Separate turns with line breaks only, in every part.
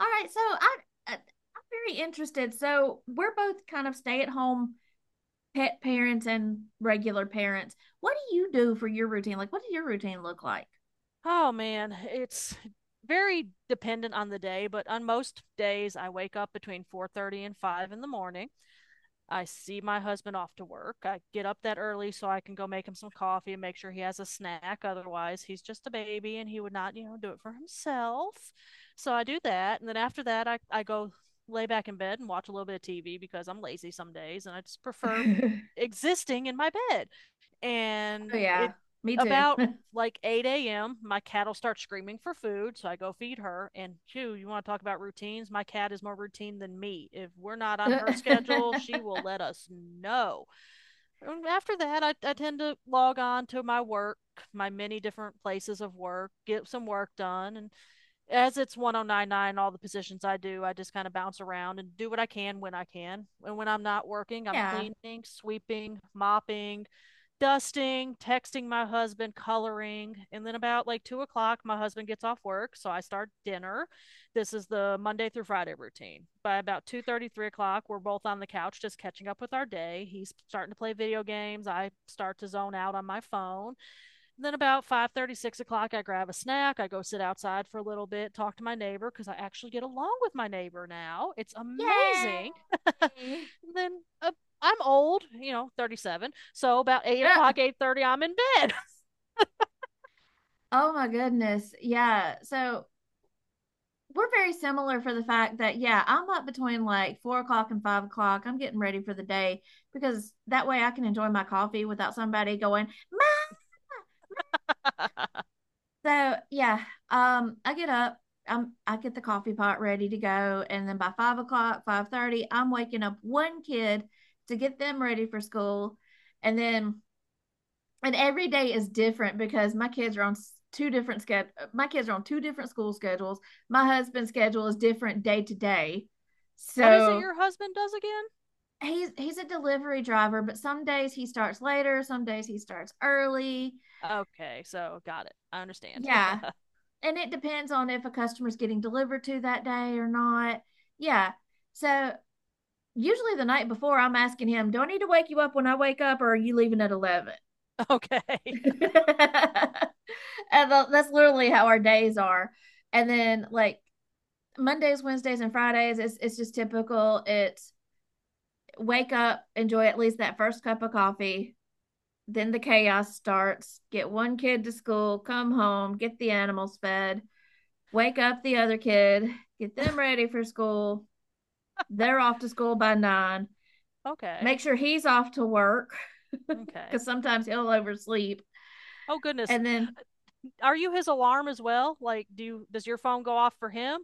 All right, so I'm very interested. So we're both kind of stay-at-home pet parents and regular parents. What do you do for your routine? Like, what does your routine look like?
Oh man, it's very dependent on the day, but on most days I wake up between 4:30 and 5 in the morning. I see my husband off to work. I get up that early so I can go make him some coffee and make sure he has a snack. Otherwise, he's just a baby and he would not do it for himself. So I do that, and then after that I go lay back in bed and watch a little bit of TV because I'm lazy some days and I just prefer existing in my bed
Oh
and
yeah,
it
me too.
about like 8 a.m. My cat'll start screaming for food, so I go feed her. And chew, you want to talk about routines? My cat is more routine than me. If we're not on her schedule, she will let us know. And after that, I tend to log on to my work, my many different places of work, get some work done, and as it's 1099, all the positions I do, I just kind of bounce around and do what I can when I can. And when I'm not working, I'm
Yeah.
cleaning, sweeping, mopping, dusting, texting my husband, coloring. And then about like 2 o'clock my husband gets off work, so I start dinner. This is the Monday through Friday routine. By about 2:30, 3 o'clock, we're both on the couch just catching up with our day. He's starting to play video games, I start to zone out on my phone. Then about 5:30, 6 o'clock, I grab a snack, I go sit outside for a little bit, talk to my neighbor, because I actually get along with my neighbor now. It's amazing.
Yay.
And then uh, I'm old, 37, so about 8
Uh,
o'clock, 8:30 I'm in bed.
Oh my goodness. Yeah. So we're very similar for the fact that, yeah, I'm up between like 4 o'clock and 5 o'clock. I'm getting ready for the day because that way I can enjoy my coffee without somebody going, Ma! So yeah, I get up, I get the coffee pot ready to go, and then by 5 o'clock, 5:30, I'm waking up one kid to get them ready for school, and then and every day is different because my kids are on two different sched. My kids are on two different school schedules. My husband's schedule is different day to day,
What is it
so
your husband does again?
he's a delivery driver, but some days he starts later, some days he starts early.
Okay, so got it, I understand.
Yeah, and it depends on if a customer's getting delivered to that day or not. Yeah. So usually the night before, I'm asking him, "Do I need to wake you up when I wake up, or are you leaving at 11?"
Okay.
And that's literally how our days are. And then like Mondays, Wednesdays, and Fridays, it's just typical. It's wake up, enjoy at least that first cup of coffee. Then the chaos starts. Get one kid to school, come home, get the animals fed, wake up the other kid, get them ready for school. They're off to school by nine.
Okay.
Make sure he's off to work
Okay,
because sometimes he'll oversleep.
oh goodness.
And then,
Are you his alarm as well? Like does your phone go off for him?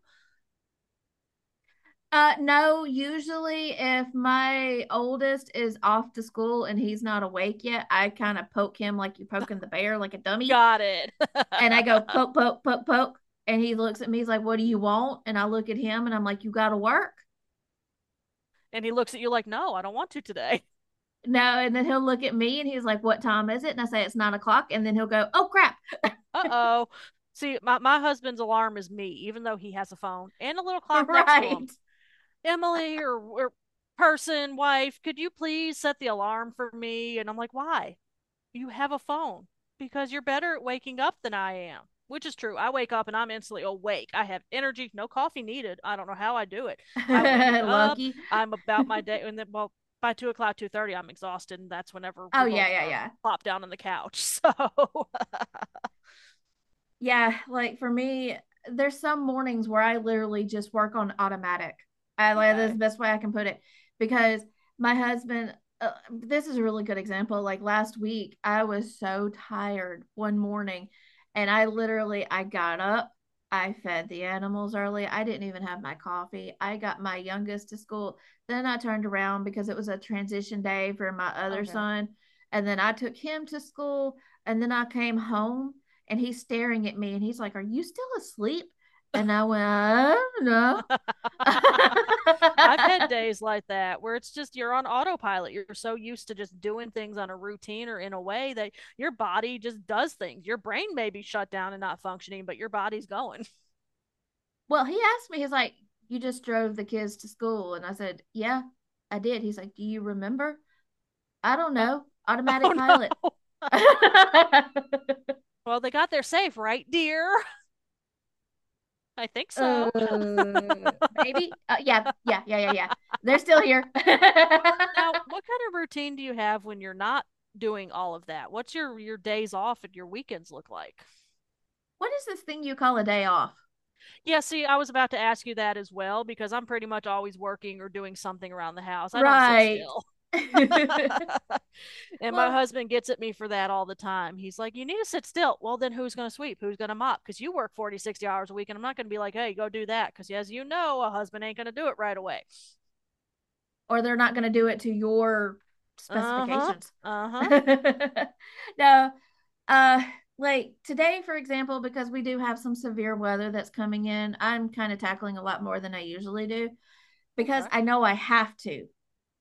no, usually if my oldest is off to school and he's not awake yet, I kind of poke him like you're poking the bear, like a dummy.
Got it.
And I go poke, poke, poke, poke. And he looks at me, he's like, "What do you want?" And I look at him and I'm like, "You got to work."
And he looks at you like, no, I don't want to today.
No. And then he'll look at me and he's like, "What time is it?" And I say, "It's 9 o'clock." And then he'll go, "Oh, crap."
Uh oh. See, my husband's alarm is me, even though he has a phone and a little clock next to him.
Right.
Emily or person, wife, could you please set the alarm for me? And I'm like, why? You have a phone. Because you're better at waking up than I am, which is true. I wake up and I'm instantly awake. I have energy, no coffee needed. I don't know how I do it. I wake up,
Loki.
I'm about my day, and then, well, by 2 o'clock, 2:30, I'm exhausted, and that's whenever
Oh
we both
yeah, yeah,
are
yeah.
plopped down on the couch. So,
Yeah, like for me, there's some mornings where I literally just work on automatic. I like that's the
okay,
best way I can put it because my husband. This is a really good example. Like last week, I was so tired one morning, and I literally I got up. I fed the animals early. I didn't even have my coffee. I got my youngest to school. Then I turned around because it was a transition day for my other
okay.
son. And then I took him to school. And then I came home and he's staring at me and he's like, "Are you still asleep?" And I went, "No."
I've had days like that where it's just you're on autopilot. You're so used to just doing things on a routine or in a way that your body just does things. Your brain may be shut down and not functioning, but your body's going.
Well, he asked me, he's like, "You just drove the kids to school." And I said, "Yeah, I did." He's like, "Do you remember?" I don't
Uh,
know. Automatic
oh no.
pilot. uh,
Well, they got there safe, right, dear? I think so.
Maybe. Yeah, yeah, yeah, yeah, yeah. They're still here. What
Now, what kind of routine do you have when you're not doing all of that? What's your days off and your weekends look like?
is this thing you call a day off?
Yeah, see, I was about to ask you that as well because I'm pretty much always working or doing something around the house. I don't sit
Right.
still. And my
Well,
husband gets at me for that all the time. He's like, you need to sit still. Well, then who's going to sweep? Who's going to mop? Because you work 40-60 hours a week. And I'm not going to be like, hey, go do that. Because as you know, a husband ain't going to do it right away.
or they're not going to do it to your
Uh huh.
specifications.
Uh huh.
No, uh, like today, for example, because we do have some severe weather that's coming in, I'm kind of tackling a lot more than I usually do because
Okay.
I know I have to.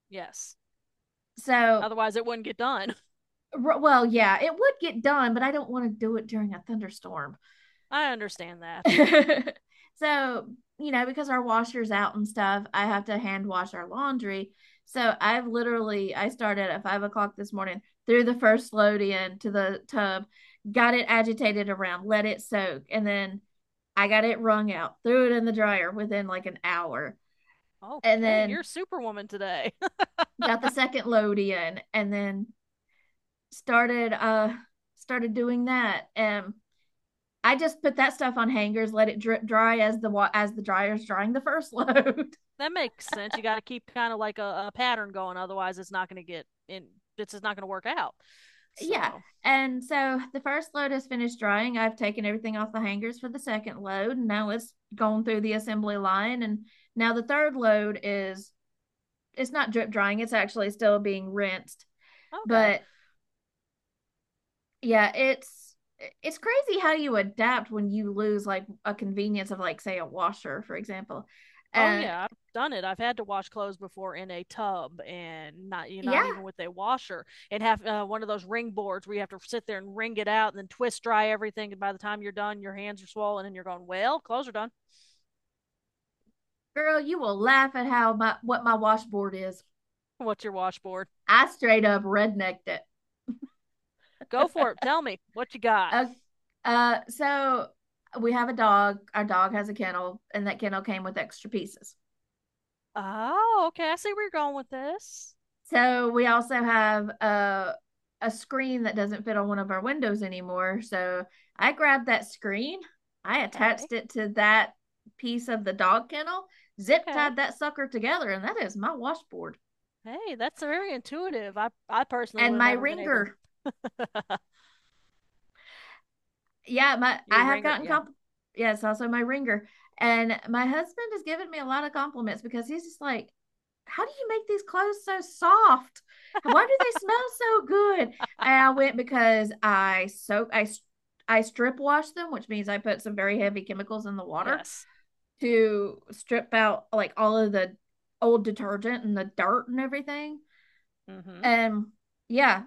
Yes.
So,
Otherwise, it wouldn't get done.
well, yeah, it would get done, but I don't want to do it during a thunderstorm.
I understand that.
So, you know, because our washer's out and stuff, I have to hand wash our laundry. So I've literally I started at 5 o'clock this morning, threw the first load in to the tub, got it agitated around, let it soak, and then I got it wrung out, threw it in the dryer within like an hour, and
Okay,
then
you're Superwoman today.
got the second load in, and then started started doing that. And I just put that stuff on hangers, let it drip dry as the dryer's drying the first load.
That makes sense. You got to keep kind of like a pattern going. Otherwise, it's not going to get in. It's just not going to work out.
Yeah.
So,
And so the first load has finished drying. I've taken everything off the hangers for the second load. And now it's gone through the assembly line. And now the third load is it's not drip drying, it's actually still being rinsed.
okay.
But yeah, it's crazy how you adapt when you lose like a convenience of like say a washer, for example.
Oh
Uh
yeah, I've done it. I've had to wash clothes before in a tub and
yeah,
not even with a washer and have one of those ring boards where you have to sit there and wring it out and then twist dry everything, and by the time you're done your hands are swollen and you're going, "Well, clothes are done."
girl, you will laugh at how my what my washboard is.
What's your washboard?
I straight up rednecked it.
Go for it. Tell me what you got.
Uh, so we have a dog. Our dog has a kennel, and that kennel came with extra pieces.
Oh, okay. I see where you're going with this.
So we also have a screen that doesn't fit on one of our windows anymore. So I grabbed that screen, I
Okay.
attached it to that piece of the dog kennel, zip
Okay.
tied that sucker together, and that is my washboard
Hey, that's very intuitive. I personally would
and
have
my
never been able
ringer.
to.
Yeah, my I
Your
have
ringer.
gotten
Yeah.
comp. Yes, also my ringer, and my husband has given me a lot of compliments because he's just like, "How do you make these clothes so soft? Why do they smell so good?" And I went because I soak, I strip wash them, which means I put some very heavy chemicals in the water
Yes.
to strip out like all of the old detergent and the dirt and everything.
Mhm.
And yeah,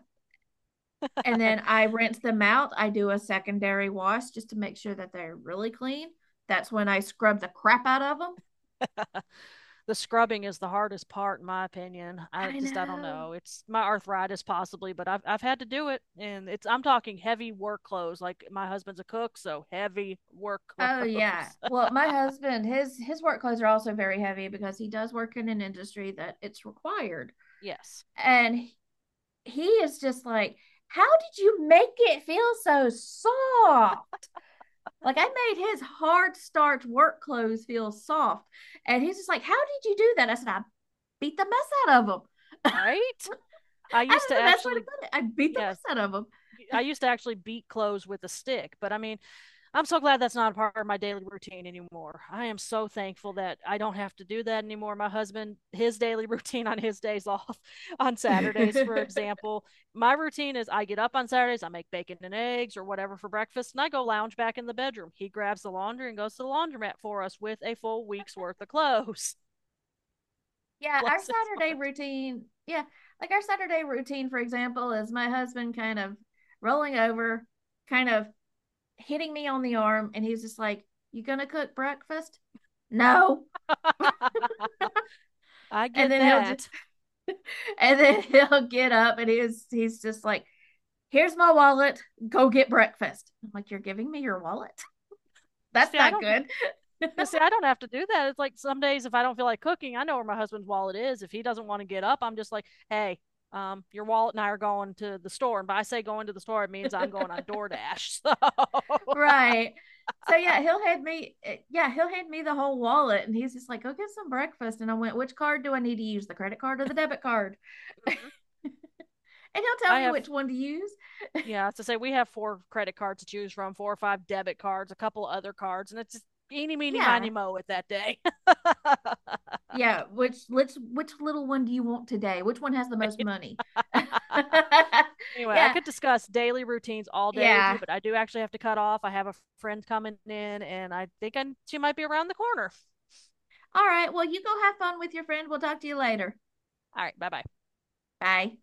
and then I rinse them out. I do a secondary wash just to make sure that they're really clean. That's when I scrub the crap out of them.
The scrubbing is the hardest part in my opinion. I
I
just, I don't
know.
know, it's my arthritis possibly, but I've had to do it. And it's, I'm talking heavy work clothes, like my husband's a cook, so heavy work
Oh yeah.
clothes.
Well, my husband, his work clothes are also very heavy because he does work in an industry that it's required.
Yes.
And he- is just like, "How did you make it feel so soft?" Like I made his hard starch work clothes feel soft. And he's just like, "How did you do that?" I said, "I beat the mess out of them."
Right. i
That
used
is
to
the best way to
actually
put it. I beat
yes
the
I used to actually beat clothes with a stick, but I mean, I'm so glad that's not a part of my daily routine anymore. I am so thankful that I don't have to do that anymore. My husband, his daily routine on his days off, on
mess out of
Saturdays, for
them.
example, my routine is I get up on Saturdays, I make bacon and eggs or whatever for breakfast, and I go lounge back in the bedroom. He grabs the laundry and goes to the laundromat for us with a full week's worth of clothes.
Yeah, our
Bless his
Saturday
heart.
routine. Yeah, like our Saturday routine, for example, is my husband kind of rolling over, kind of hitting me on the arm, and he's just like, "You gonna cook breakfast?" No.
I
And
get
then he'll do,
that.
and then he'll get up, and he's just like, "Here's my wallet. Go get breakfast." I'm like, "You're giving me your wallet? That's
See, I
not
don't
good."
You see, I don't have to do that. It's like some days if I don't feel like cooking, I know where my husband's wallet is. If he doesn't want to get up, I'm just like, hey, your wallet and I are going to the store. And by I say going to the store, it means I'm going on DoorDash. So
Right. So yeah, he'll hand me eh, yeah, he'll hand me the whole wallet and he's just like, "Go get some breakfast." And I went, "Which card do I need to use? The credit card or the debit card?" And he'll tell
I
me
have,
which one to use.
yeah, to say, we have four credit cards to choose from, four or five debit cards, a couple of other cards, and it's just eeny, meeny, miny,
Yeah.
mo at that day.
Yeah, which let's which little one do you want today? Which one has the most
Right?
money?
Anyway, I
Yeah.
could discuss daily routines all day with you,
Yeah.
but I do actually have to cut off. I have a friend coming in, and I think I, she might be around the corner.
All right. Well, you go have fun with your friend. We'll talk to you later.
All right, bye bye.
Bye.